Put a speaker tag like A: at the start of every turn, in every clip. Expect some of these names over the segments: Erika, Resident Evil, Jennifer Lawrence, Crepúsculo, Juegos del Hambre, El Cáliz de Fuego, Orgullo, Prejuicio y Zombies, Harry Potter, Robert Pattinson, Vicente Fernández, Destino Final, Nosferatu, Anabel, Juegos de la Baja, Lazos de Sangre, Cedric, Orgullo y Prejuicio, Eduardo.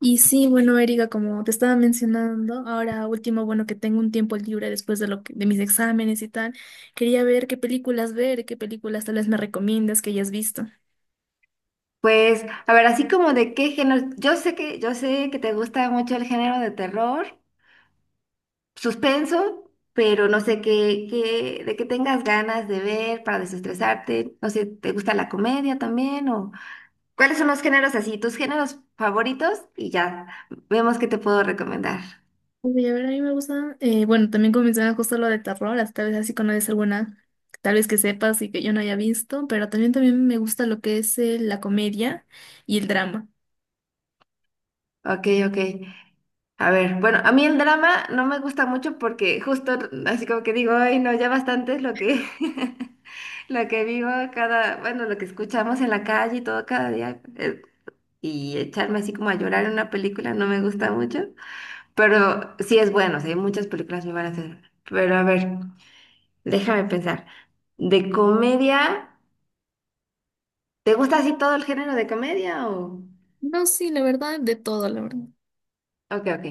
A: Y sí, bueno, Erika, como te estaba mencionando, ahora último, bueno, que tengo un tiempo libre después de de mis exámenes y tal, quería ver, qué películas tal vez me recomiendas que hayas visto.
B: Pues, a ver, así como de qué género, yo sé que te gusta mucho el género de terror, suspenso, pero no sé qué, de qué tengas ganas de ver para desestresarte, no sé, ¿te gusta la comedia también? O cuáles son los géneros así, tus géneros favoritos, y ya vemos qué te puedo recomendar.
A: Uy, a ver, a mí me gusta, bueno, también como mencionaba justo lo de terror, hasta tal vez así conoces alguna, tal vez que sepas y que yo no haya visto, pero también me gusta lo que es la comedia y el drama.
B: Ok, ok. A ver, bueno, a mí el drama no me gusta mucho porque justo así como que digo, ay, no, ya bastante es lo que, lo que vivo bueno, lo que escuchamos en la calle y todo cada día. Y echarme así como a llorar en una película no me gusta mucho, pero sí es bueno, sí, hay muchas películas me van a hacer. Pero a ver, déjame pensar. ¿De comedia? ¿Te gusta así todo el género de comedia o...?
A: No, sí, la verdad, de todo, la verdad.
B: Ok, ok.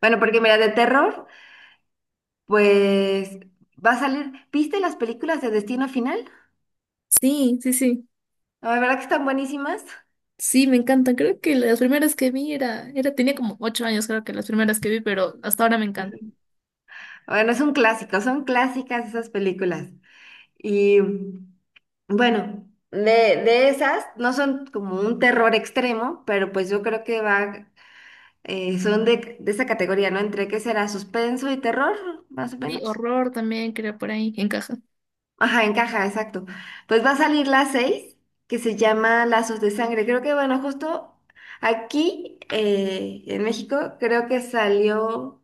B: Bueno, porque mira, de terror. Pues va a salir. ¿Viste las películas de Destino Final?
A: Sí, sí, sí.
B: La verdad que están buenísimas.
A: Sí, me encantan. Creo que las primeras que vi era, tenía como ocho años, creo que las primeras que vi, pero hasta ahora me encantan.
B: Bueno, es un clásico, son clásicas esas películas. Y bueno, de esas no son como un terror extremo, pero pues yo creo que va, son de esa categoría, ¿no? Entre qué será suspenso y terror, más o
A: Sí,
B: menos.
A: horror también, creo, por ahí encaja.
B: Ajá, encaja, exacto. Pues va a salir la 6 que se llama Lazos de Sangre. Creo que, bueno, justo aquí en México, creo que salió,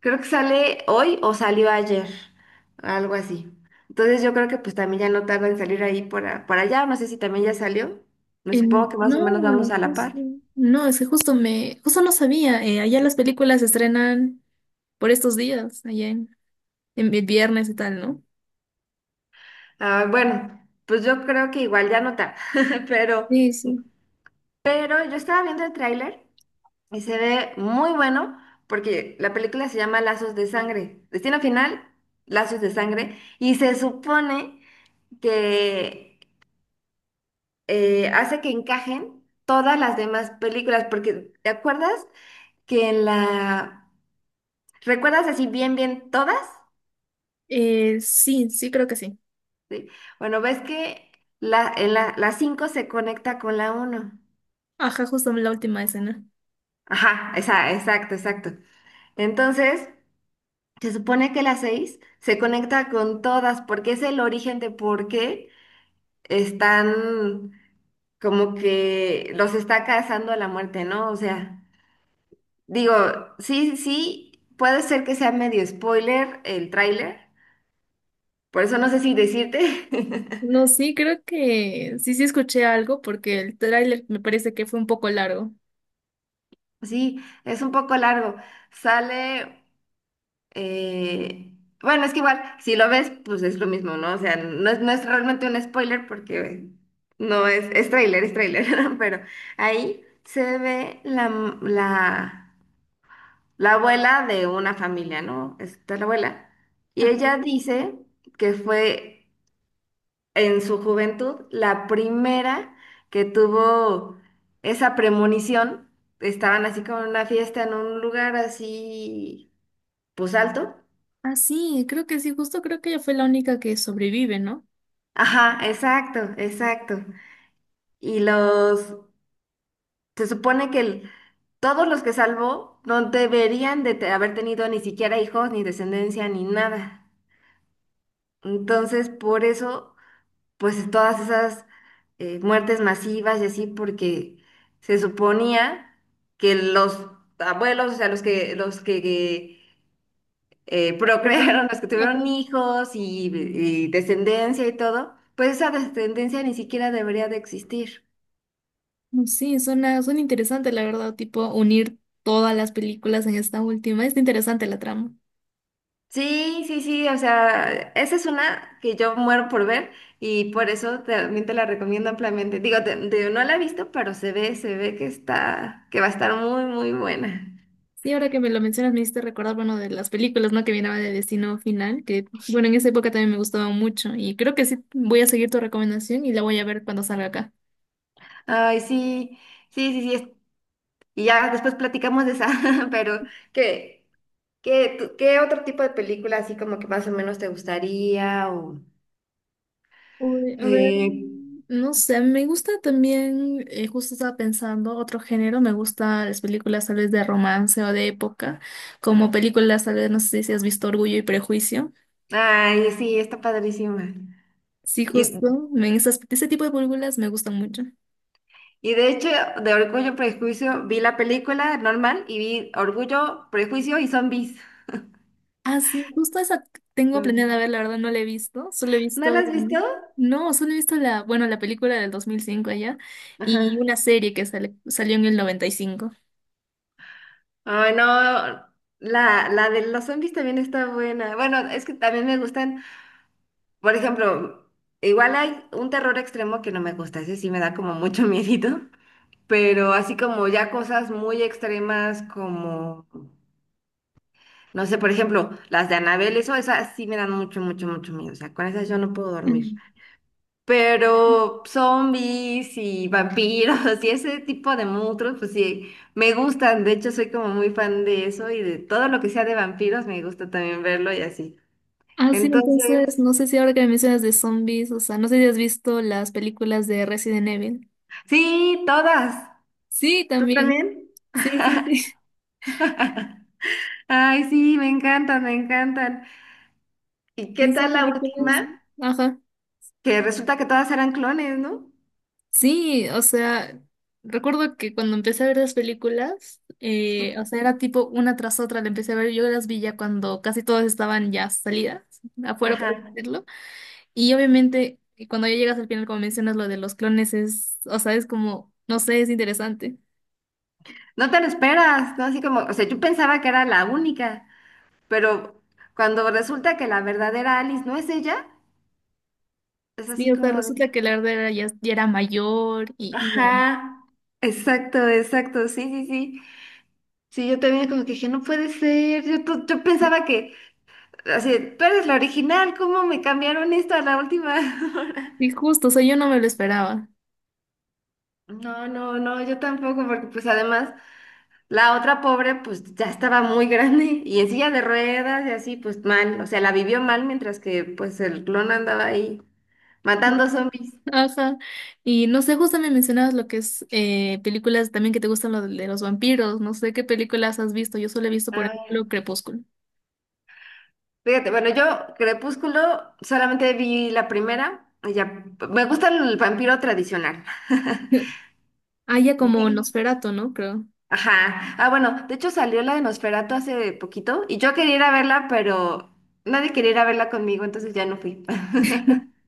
B: creo que sale hoy o salió ayer, algo así. Entonces yo creo que pues también ya no tarda en salir ahí por allá, no sé si también ya salió. Me supongo
A: En,
B: que más
A: no,
B: o menos vamos a la par.
A: justo- No, es que justo no sabía. Allá las películas se estrenan por estos días, en viernes y tal, ¿no?
B: Ah, bueno, pues yo creo que igual ya no tarda, pero,
A: Sí, sí.
B: pero yo estaba viendo el tráiler. Y se ve muy bueno porque la película se llama Lazos de Sangre. Destino final, Lazos de Sangre. Y se supone que hace que encajen todas las demás películas. Porque, ¿te acuerdas que en la... ¿Recuerdas así bien, bien todas?
A: Sí, sí, creo que sí.
B: Sí. Bueno, ves que en la 5 se conecta con la uno.
A: Ajá, justo la última escena.
B: Ajá, esa, exacto, exacto. Entonces... Se supone que las seis se conecta con todas porque es el origen de por qué están como que los está cazando a la muerte, ¿no? O sea, digo, sí, sí, puede ser que sea medio spoiler el tráiler, por eso no sé si decirte.
A: No, sí, creo que sí, sí escuché algo porque el tráiler me parece que fue un poco largo.
B: Sí, es un poco largo. Sale Eh, bueno, es que igual, si lo ves, pues es lo mismo, ¿no? O sea, no es realmente un spoiler porque no es, es tráiler, pero ahí se ve la, la abuela de una familia, ¿no? Está la abuela. Y ella dice que fue en su juventud la primera que tuvo esa premonición. Estaban así como en una fiesta en un lugar así, pues alto.
A: Ah, sí, creo que sí, justo creo que ella fue la única que sobrevive, ¿no?
B: Ajá, exacto, exacto. Y los, se supone que el- todos los que salvó no deberían de haber tenido ni siquiera hijos, ni descendencia, ni nada. Entonces, por eso, pues todas esas muertes masivas y así, porque se suponía que los abuelos, o sea, los que,
A: Ujú.
B: procrearon, los que tuvieron
A: Ajá.
B: hijos y descendencia y todo, pues esa descendencia ni siquiera debería de existir.
A: Mm, sí, suena interesante, la verdad, tipo unir todas las películas en esta última. Es interesante la trama.
B: Sí, sí, sí, o sea, esa es una que yo muero por ver y por eso también te la recomiendo ampliamente. Digo, no la he visto, pero se ve que está, que va a estar muy, muy buena.
A: Sí, ahora que me lo mencionas, me hiciste recordar, bueno, de las películas, ¿no? Que vienen de Destino Final, que, bueno, en esa época también me gustaban mucho. Y creo que sí, voy a seguir tu recomendación y la voy a ver cuando salga acá.
B: Ay, sí, sí, sí, sí, y ya después platicamos de esa, pero ¿qué, ¿qué otro tipo de película así como que más o menos te gustaría o...
A: Uy, a ver,
B: eh,
A: mm, no sé, me gusta también, justo estaba pensando, otro género, me gustan las películas tal vez de romance o de época, como películas tal vez, no sé si has visto Orgullo y Prejuicio.
B: ay, sí, está padrísima.
A: Sí, justo, ese tipo de películas me gustan mucho.
B: Y de hecho, de Orgullo y Prejuicio vi la película normal y vi Orgullo, Prejuicio y Zombies.
A: Ah, sí, justo esa tengo planeada ver, la verdad no la he visto, solo he
B: ¿No
A: visto,
B: las has visto?
A: mm, no, solo he visto la, bueno, la película del 2005 allá y
B: Ajá.
A: una serie que salió en el 95.
B: Ay, no. La de los zombies también está buena. Bueno, es que también me gustan. Por ejemplo, igual hay un terror extremo que no me gusta. Ese sí me da como mucho miedito. Pero así como ya cosas muy extremas como, no sé, por ejemplo, las de Anabel, eso, esas sí me dan mucho, mucho, mucho miedo. O sea, con esas yo no puedo dormir.
A: Mm.
B: Pero zombies y vampiros y ese tipo de monstruos, pues sí, me gustan. De hecho, soy como muy fan de eso y de todo lo que sea de vampiros, me gusta también verlo y así.
A: Ah, sí, entonces,
B: Entonces,
A: no sé si ahora que me mencionas de zombies, o sea, no sé si has visto las películas de Resident Evil.
B: sí, todas.
A: Sí,
B: ¿Tú
A: también.
B: también?
A: Sí, sí, sí.
B: Ay, sí, me encantan, me encantan. ¿Y qué
A: Sí, son
B: tal la
A: películas.
B: última?
A: Ajá.
B: Que resulta que todas eran clones, ¿no?
A: Sí, o sea, recuerdo que cuando empecé a ver las películas, o
B: Ujú.
A: sea, era tipo una tras otra, la empecé a ver, yo las vi ya cuando casi todas estaban ya salidas, afuera, por así
B: Ajá.
A: decirlo. Y obviamente, cuando ya llegas al final, como mencionas, lo de los clones es, o sea, es como, no sé, es interesante.
B: No te lo esperas, ¿no? Así como, o sea, yo pensaba que era la única. Pero cuando resulta que la verdadera Alice no es ella, es
A: Sí,
B: así
A: o sea,
B: como
A: resulta
B: de...
A: que la Erdera ya era mayor y no.
B: Ajá. Exacto, exacto, sí, sí, sí. Sí, yo también como que dije, no puede ser, yo pensaba que, así, tú eres la original, ¿cómo me cambiaron esto a la última hora?
A: Y justo, o sea, yo no me lo esperaba.
B: No, no, no, yo tampoco, porque pues además la otra pobre pues ya estaba muy grande y en silla de ruedas y así pues mal, o sea, la vivió mal mientras que pues el clon andaba ahí
A: ¿No?
B: matando zombies.
A: Ajá. Y no sé, justo me mencionabas lo que es películas también que te gustan lo de los vampiros. No sé qué películas has visto. Yo solo he visto, por ejemplo, Crepúsculo.
B: Fíjate, bueno, yo Crepúsculo solamente vi la primera. Y ya, me gusta el vampiro tradicional.
A: Ah, ya como
B: Y-
A: Nosferatu, ¿no? Creo.
B: Ajá. Ah, bueno, de hecho salió la de Nosferatu hace poquito y yo quería ir a verla, pero nadie quería ir a verla conmigo, entonces ya no fui.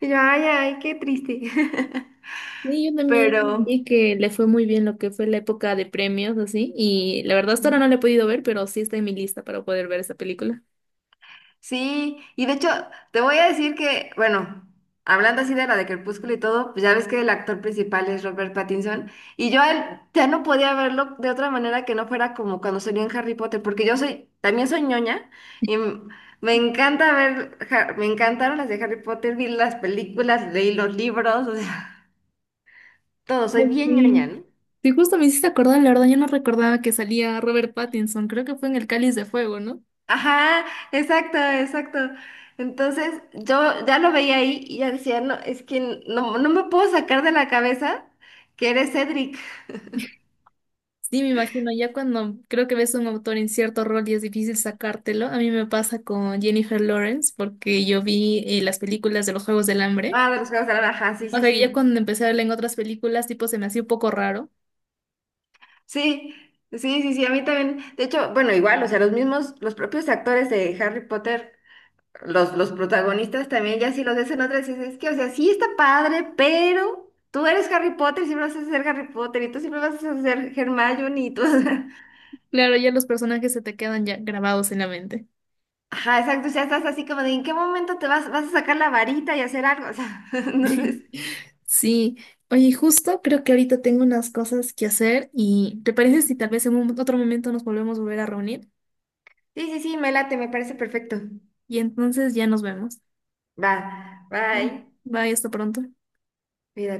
B: Y yo, ay, ay, qué triste.
A: Sí, yo también
B: Pero...
A: vi que le fue muy bien lo que fue la época de premios, así, y la verdad hasta ahora no la he podido ver, pero sí está en mi lista para poder ver esa película.
B: Sí, y de hecho, te voy a decir que, bueno, hablando así de la de Crepúsculo y todo, pues ya ves que el actor principal es Robert Pattinson, y yo a él ya no podía verlo de otra manera que no fuera como cuando salió en Harry Potter, porque yo soy, también soy ñoña, y m- me encanta ver, me encantaron las de Harry Potter, vi las películas, leí los libros, o sea, todo, soy
A: Ay,
B: bien ñoña,
A: sí.
B: ¿no?
A: Sí, justo me hiciste acordar, la verdad, yo no recordaba que salía Robert Pattinson, creo que fue en El Cáliz de Fuego, ¿no?
B: Ajá, exacto, exacto. Entonces yo ya lo veía ahí y ya decía, no, es que no, no me puedo sacar de la cabeza que eres Cedric.
A: Sí, me imagino, ya cuando creo que ves a un autor en cierto rol y es difícil sacártelo, a mí me pasa con Jennifer Lawrence, porque yo vi las películas de los Juegos del Hambre,
B: Ah, de los Juegos de la Baja, sí,
A: o
B: sí,
A: sea, ya
B: sí.
A: cuando empecé a verla en otras películas, tipo, se me hacía un poco raro.
B: Sí, sí, sí, sí, a mí también. De hecho, bueno, igual, o sea, los mismos, los propios actores de Harry Potter, los protagonistas también, ya si los ves en otras, dices, es que, o sea, sí está padre, pero tú eres Harry Potter, siempre vas a ser Harry Potter y tú siempre vas a ser Hermione y tú.
A: Claro, ya los personajes se te quedan ya grabados en la mente.
B: Ajá, exacto, ya estás así como de ¿en qué momento vas a sacar la varita y hacer algo? O sea, entonces,
A: Sí, oye, justo creo que ahorita tengo unas cosas que hacer y ¿te parece si tal vez en otro momento nos volvemos a volver a reunir?
B: sí, sí, sí, me late, me parece perfecto.
A: Y entonces ya nos vemos.
B: Va, bye,
A: Bye, hasta pronto.
B: cuídate.